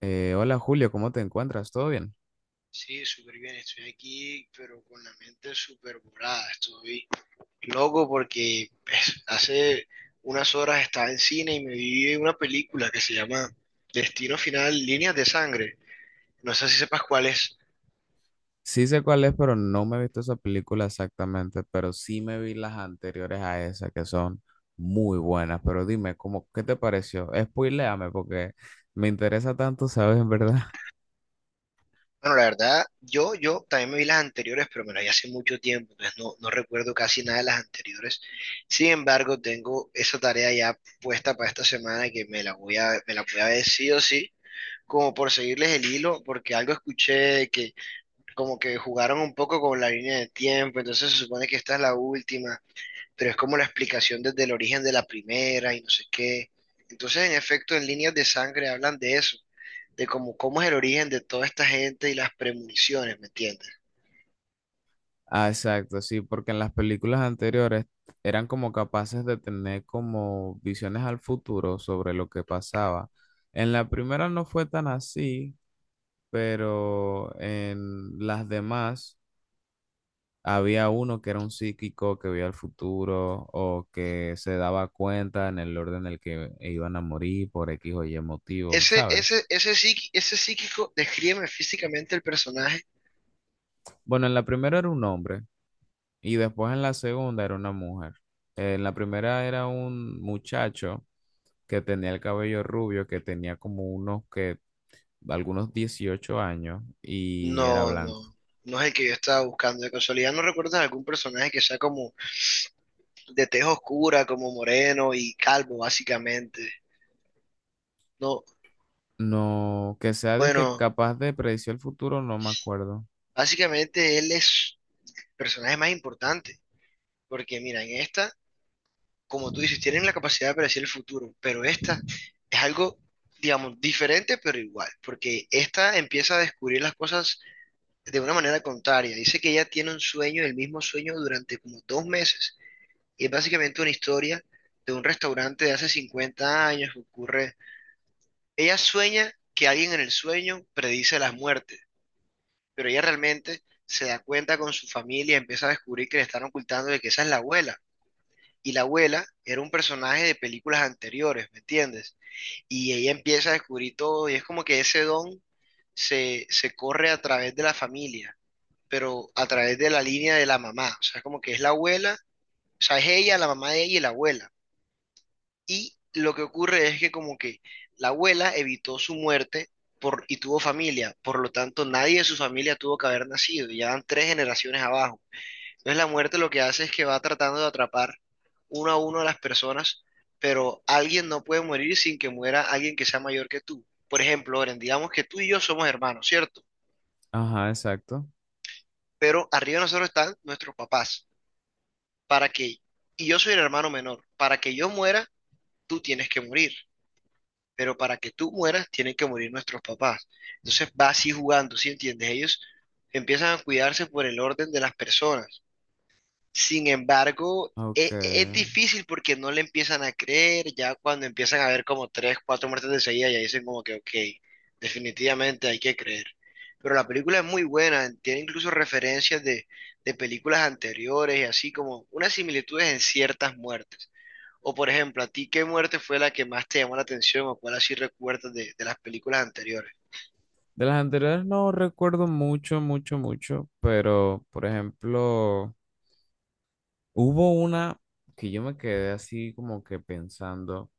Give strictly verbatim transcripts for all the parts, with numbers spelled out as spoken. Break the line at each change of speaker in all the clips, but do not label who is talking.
Eh, hola Julio, ¿cómo te encuentras? ¿Todo bien?
Sí, súper bien, estoy aquí, pero con la mente súper volada. Estoy loco porque pues, hace unas horas estaba en cine y me vi una película que se llama Destino Final, Líneas de Sangre. No sé si sepas cuál es.
Sí, sé cuál es, pero no me he visto esa película exactamente, pero sí me vi las anteriores a esa que son muy buenas, pero dime, ¿cómo, ¿qué te pareció? Spoiléame porque me interesa tanto, ¿sabes? En verdad.
Bueno, la verdad, yo, yo también me vi las anteriores, pero me las vi hace mucho tiempo, entonces no, no recuerdo casi nada de las anteriores. Sin embargo, tengo esa tarea ya puesta para esta semana que me la voy a, me la voy a ver sí o sí como por seguirles el hilo, porque algo escuché que como que jugaron un poco con la línea de tiempo, entonces se supone que esta es la última, pero es como la explicación desde el origen de la primera y no sé qué. Entonces, en efecto, en líneas de sangre hablan de eso, de cómo, cómo es el origen de toda esta gente y las premoniciones, ¿me entiendes?
Ah, exacto, sí, porque en las películas anteriores eran como capaces de tener como visiones al futuro sobre lo que pasaba. En la primera no fue tan así, pero en las demás había uno que era un psíquico que veía el futuro o que se daba cuenta en el orden en el que iban a morir por equis o ye motivo,
Ese,
¿sabes?
ese, ese, psiqui- ese psíquico, descríbeme físicamente el personaje.
Bueno, en la primera era un hombre y después en la segunda era una mujer. En la primera era un muchacho que tenía el cabello rubio, que tenía como unos que, algunos dieciocho años y era
No, no,
blanco.
no es el que yo estaba buscando. De casualidad, ¿no recuerdas algún personaje que sea como de tez oscura, como moreno y calvo, básicamente? No,
No, que sea que
bueno.
capaz de predecir el futuro, no me acuerdo.
Básicamente él es el personaje más importante, porque mira, en esta, como tú dices, tienen la capacidad de predecir el futuro, pero esta es algo, digamos, diferente pero igual, porque esta empieza a descubrir las cosas de una manera contraria. Dice que ella tiene un sueño, el mismo sueño durante como dos meses, y es básicamente una historia de un restaurante de hace cincuenta años que ocurre. Ella sueña que alguien en el sueño predice las muertes. Pero ella realmente se da cuenta con su familia, empieza a descubrir que le están ocultando de que esa es la abuela. Y la abuela era un personaje de películas anteriores, ¿me entiendes? Y ella empieza a descubrir todo y es como que ese don se, se corre a través de la familia, pero a través de la línea de la mamá. O sea, como que es la abuela, o sea, es ella, la mamá de ella y la abuela. Y lo que ocurre es que como que la abuela evitó su muerte por, y tuvo familia, por lo tanto nadie de su familia tuvo que haber nacido, y ya van tres generaciones abajo. Entonces la muerte lo que hace es que va tratando de atrapar uno a uno a las personas, pero alguien no puede morir sin que muera alguien que sea mayor que tú. Por ejemplo, Oren, digamos que tú y yo somos hermanos, ¿cierto?
Ajá, exacto.
Pero arriba de nosotros están nuestros papás, para que, y yo soy el hermano menor, para que yo muera, tú tienes que morir. Pero para que tú mueras tienen que morir nuestros papás. Entonces va así jugando, ¿sí entiendes? Ellos empiezan a cuidarse por el orden de las personas. Sin embargo,
Ok.
e- e, es, difícil porque no le empiezan a creer, ya cuando empiezan a ver como tres, cuatro muertes de seguida, ya dicen como que, ok, definitivamente hay que creer. Pero la película es muy buena, tiene incluso referencias de, de películas anteriores y así como unas similitudes en ciertas muertes. O por ejemplo, ¿a ti qué muerte fue la que más te llamó la atención o cuál así recuerdas de, de las películas anteriores?
De las anteriores no recuerdo mucho, mucho, mucho, pero por ejemplo, hubo una que yo me quedé así como que pensando.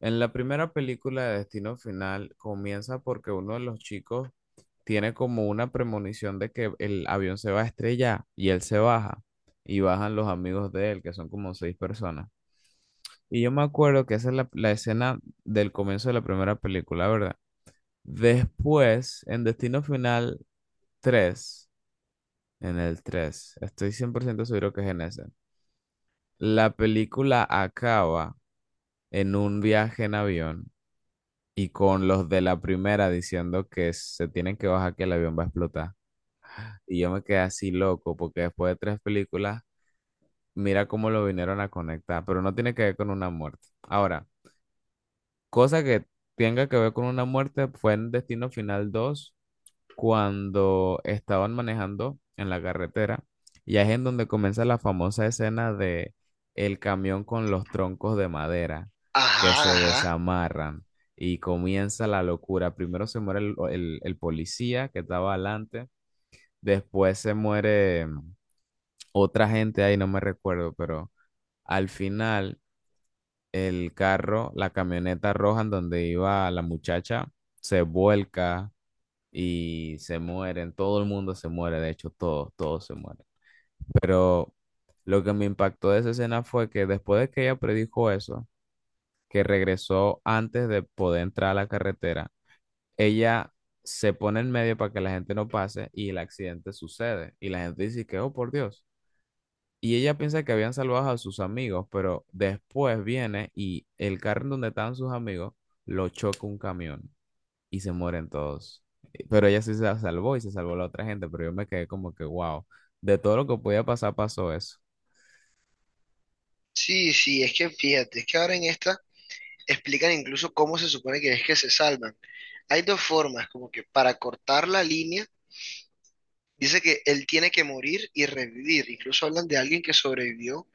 En la primera película de Destino Final comienza porque uno de los chicos tiene como una premonición de que el avión se va a estrellar, y él se baja y bajan los amigos de él, que son como seis personas. Y yo me acuerdo que esa es la, la escena del comienzo de la primera película, ¿verdad? Después, en Destino Final tres, en el tres, estoy cien por ciento seguro que es en ese. La película acaba en un viaje en avión y con los de la primera diciendo que se tienen que bajar, que el avión va a explotar. Y yo me quedé así loco porque después de tres películas, mira cómo lo vinieron a conectar, pero no tiene que ver con una muerte. Ahora, cosa que tenga que ver con una muerte fue en Destino Final dos, cuando estaban manejando en la carretera, y ahí es en donde comienza la famosa escena de el camión con los troncos de madera que se
Ajá, ajá.
desamarran y comienza la locura. Primero se muere el, el- el policía que estaba adelante, después se muere mm, otra gente ahí, no me recuerdo, pero al final el carro, la camioneta roja en donde iba la muchacha, se vuelca y se mueren, todo el mundo se muere, de hecho, todos, todos se mueren. Pero lo que me impactó de esa escena fue que después de que ella predijo eso, que regresó antes de poder entrar a la carretera, ella se pone en medio para que la gente no pase y el accidente sucede. Y la gente dice que, oh, por Dios. Y ella piensa que habían salvado a sus amigos, pero después viene y el carro en donde estaban sus amigos lo choca un camión y se mueren todos. Eh, Pero ella sí se salvó y se salvó la otra gente, pero yo me quedé como que, wow, de todo lo que podía pasar pasó eso.
Sí, sí, es que fíjate, es que ahora en esta explican incluso cómo se supone que es que se salvan. Hay dos formas, como que para cortar la línea, dice que él tiene que morir y revivir. Incluso hablan de alguien que sobrevivió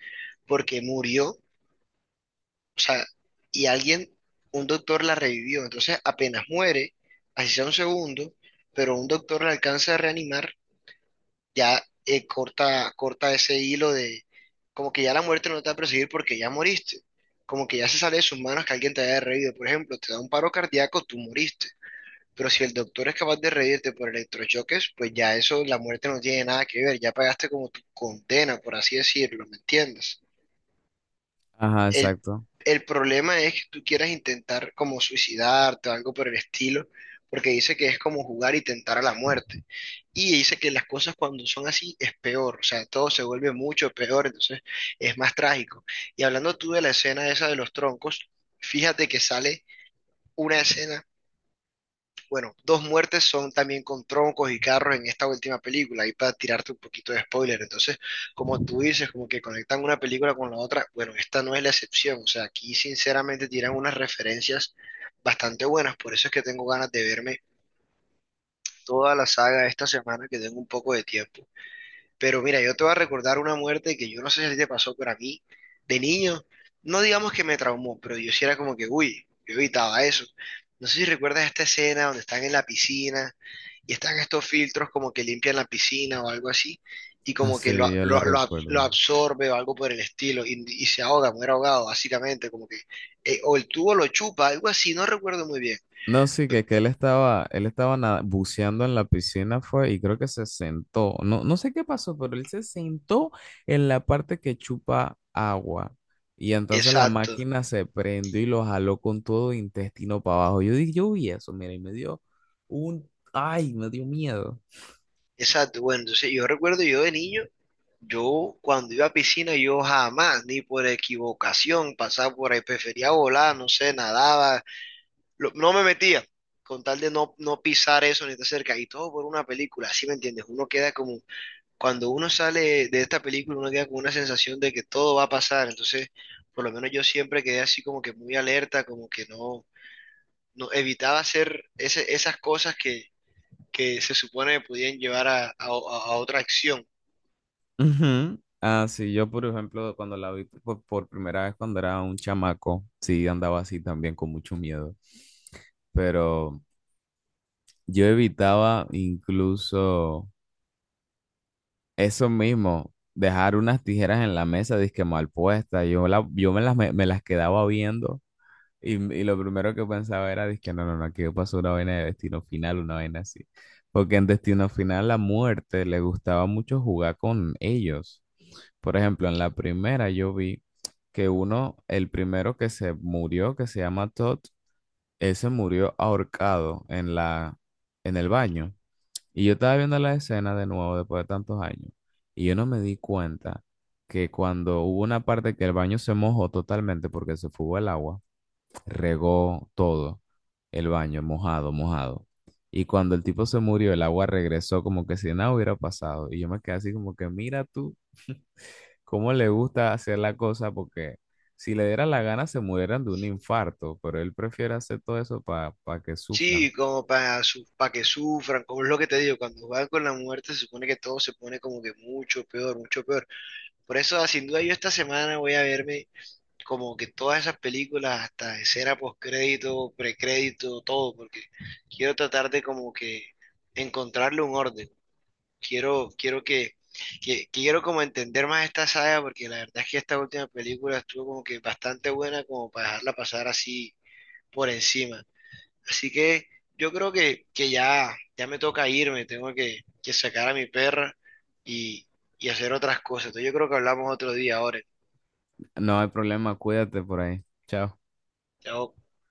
porque murió, o sea, y alguien, un doctor la revivió. Entonces, apenas muere, así sea un segundo, pero un doctor la alcanza a reanimar ya eh, corta, corta ese hilo de como que ya la muerte no te va a perseguir porque ya moriste, como que ya se sale de sus manos que alguien te haya reído, por ejemplo, te da un paro cardíaco, tú moriste, pero si el doctor es capaz de reírte por electrochoques, pues ya eso, la muerte no tiene nada que ver, ya pagaste como tu condena, por así decirlo, ¿me entiendes?
Ajá,
El,
exacto.
el problema es que tú quieras intentar como suicidarte o algo por el estilo, porque dice que es como jugar y tentar a la muerte. Y dice que las cosas cuando son así es peor, o sea, todo se vuelve mucho peor, entonces es más trágico. Y hablando tú de la escena esa de los troncos, fíjate que sale una escena bueno, dos muertes son también con troncos y carros en esta última película, ahí para tirarte un poquito de spoiler. Entonces, como tú dices, como que conectan una película con la otra, bueno, esta no es la excepción. O sea, aquí sinceramente tiran unas referencias bastante buenas, por eso es que tengo ganas de verme toda la saga esta semana que tengo un poco de tiempo. Pero mira, yo te voy a recordar una muerte que yo no sé si te pasó, pero a mí, de niño, no digamos que me traumó, pero yo sí era como que, uy, yo evitaba eso. No sé si recuerdas esta escena donde están en la piscina y están estos filtros como que limpian la piscina o algo así, y como que lo,
Así, yo la
lo- lo ab- lo
recuerdo.
absorbe o algo por el estilo, y, y se ahoga, muere ahogado, básicamente, como que, eh, o el tubo lo chupa, algo así, no recuerdo muy bien.
No, sí, que, que él estaba, él estaba nada- buceando en la piscina fue y creo que se sentó. No, no sé qué pasó, pero él se sentó en la parte que chupa agua. Y entonces la
Exacto,
máquina se prendió y lo jaló con todo intestino para abajo. Yo dije, yo vi eso, mira, y me dio un, ay, me dio miedo.
exacto. Bueno, entonces yo recuerdo yo de niño. Yo cuando iba a piscina, yo jamás, ni por equivocación, pasaba por ahí, prefería volar, no sé, nadaba, lo- no me metía, con tal de no, no pisar eso ni estar cerca, y todo por una película, ¿sí me entiendes? Uno queda como, cuando uno sale de esta película, uno queda con una sensación de que todo va a pasar, entonces, por lo menos yo siempre quedé así como que muy alerta, como que no, no evitaba hacer ese- esas cosas que, que se supone que podían llevar a, a a- a otra acción.
Ujú. Ah, sí, yo por ejemplo, cuando la vi por, por primera vez cuando era un chamaco, sí andaba así también con mucho miedo. Pero yo evitaba incluso eso mismo, dejar unas tijeras en la mesa, disque mal puesta. Yo, la, yo me las, me, me las quedaba viendo, y, y lo primero que pensaba era, disque no, no, no, aquí pasó una vaina de Destino Final, una vaina así. Porque en Destino Final la muerte le gustaba mucho jugar con ellos. Por ejemplo, en la primera yo vi que uno, el primero que se murió, que se llama Todd, ese murió ahorcado en la, en el baño. Y yo estaba viendo la escena de nuevo después de tantos años. Y yo no me di cuenta que cuando hubo una parte que el baño se mojó totalmente porque se fugó el agua, regó todo el baño, mojado, mojado. Y cuando el tipo se murió, el agua regresó como que si nada hubiera pasado. Y yo me quedé así como que, mira tú. Cómo le gusta hacer la cosa, porque si le diera la gana se murieran de un infarto, pero él prefiere hacer todo eso para que sufran.
Sí, como para pa que sufran, como es lo que te digo, cuando juegan con la muerte se supone que todo se pone como que mucho peor, mucho peor. Por eso, ah, sin duda, yo esta semana voy a verme como que todas esas películas, hasta escena postcrédito, precrédito, todo, porque quiero tratar de como que encontrarle un orden. Quiero, quiero que, que, quiero como entender más esta saga, porque la verdad es que esta última película estuvo como que bastante buena como para dejarla pasar así por encima. Así que yo creo que, que ya, ya me toca irme, tengo que, que sacar a mi perra y, y hacer otras cosas. Entonces yo creo que hablamos otro día ahora.
No hay problema, cuídate por ahí. Chao.
Chao.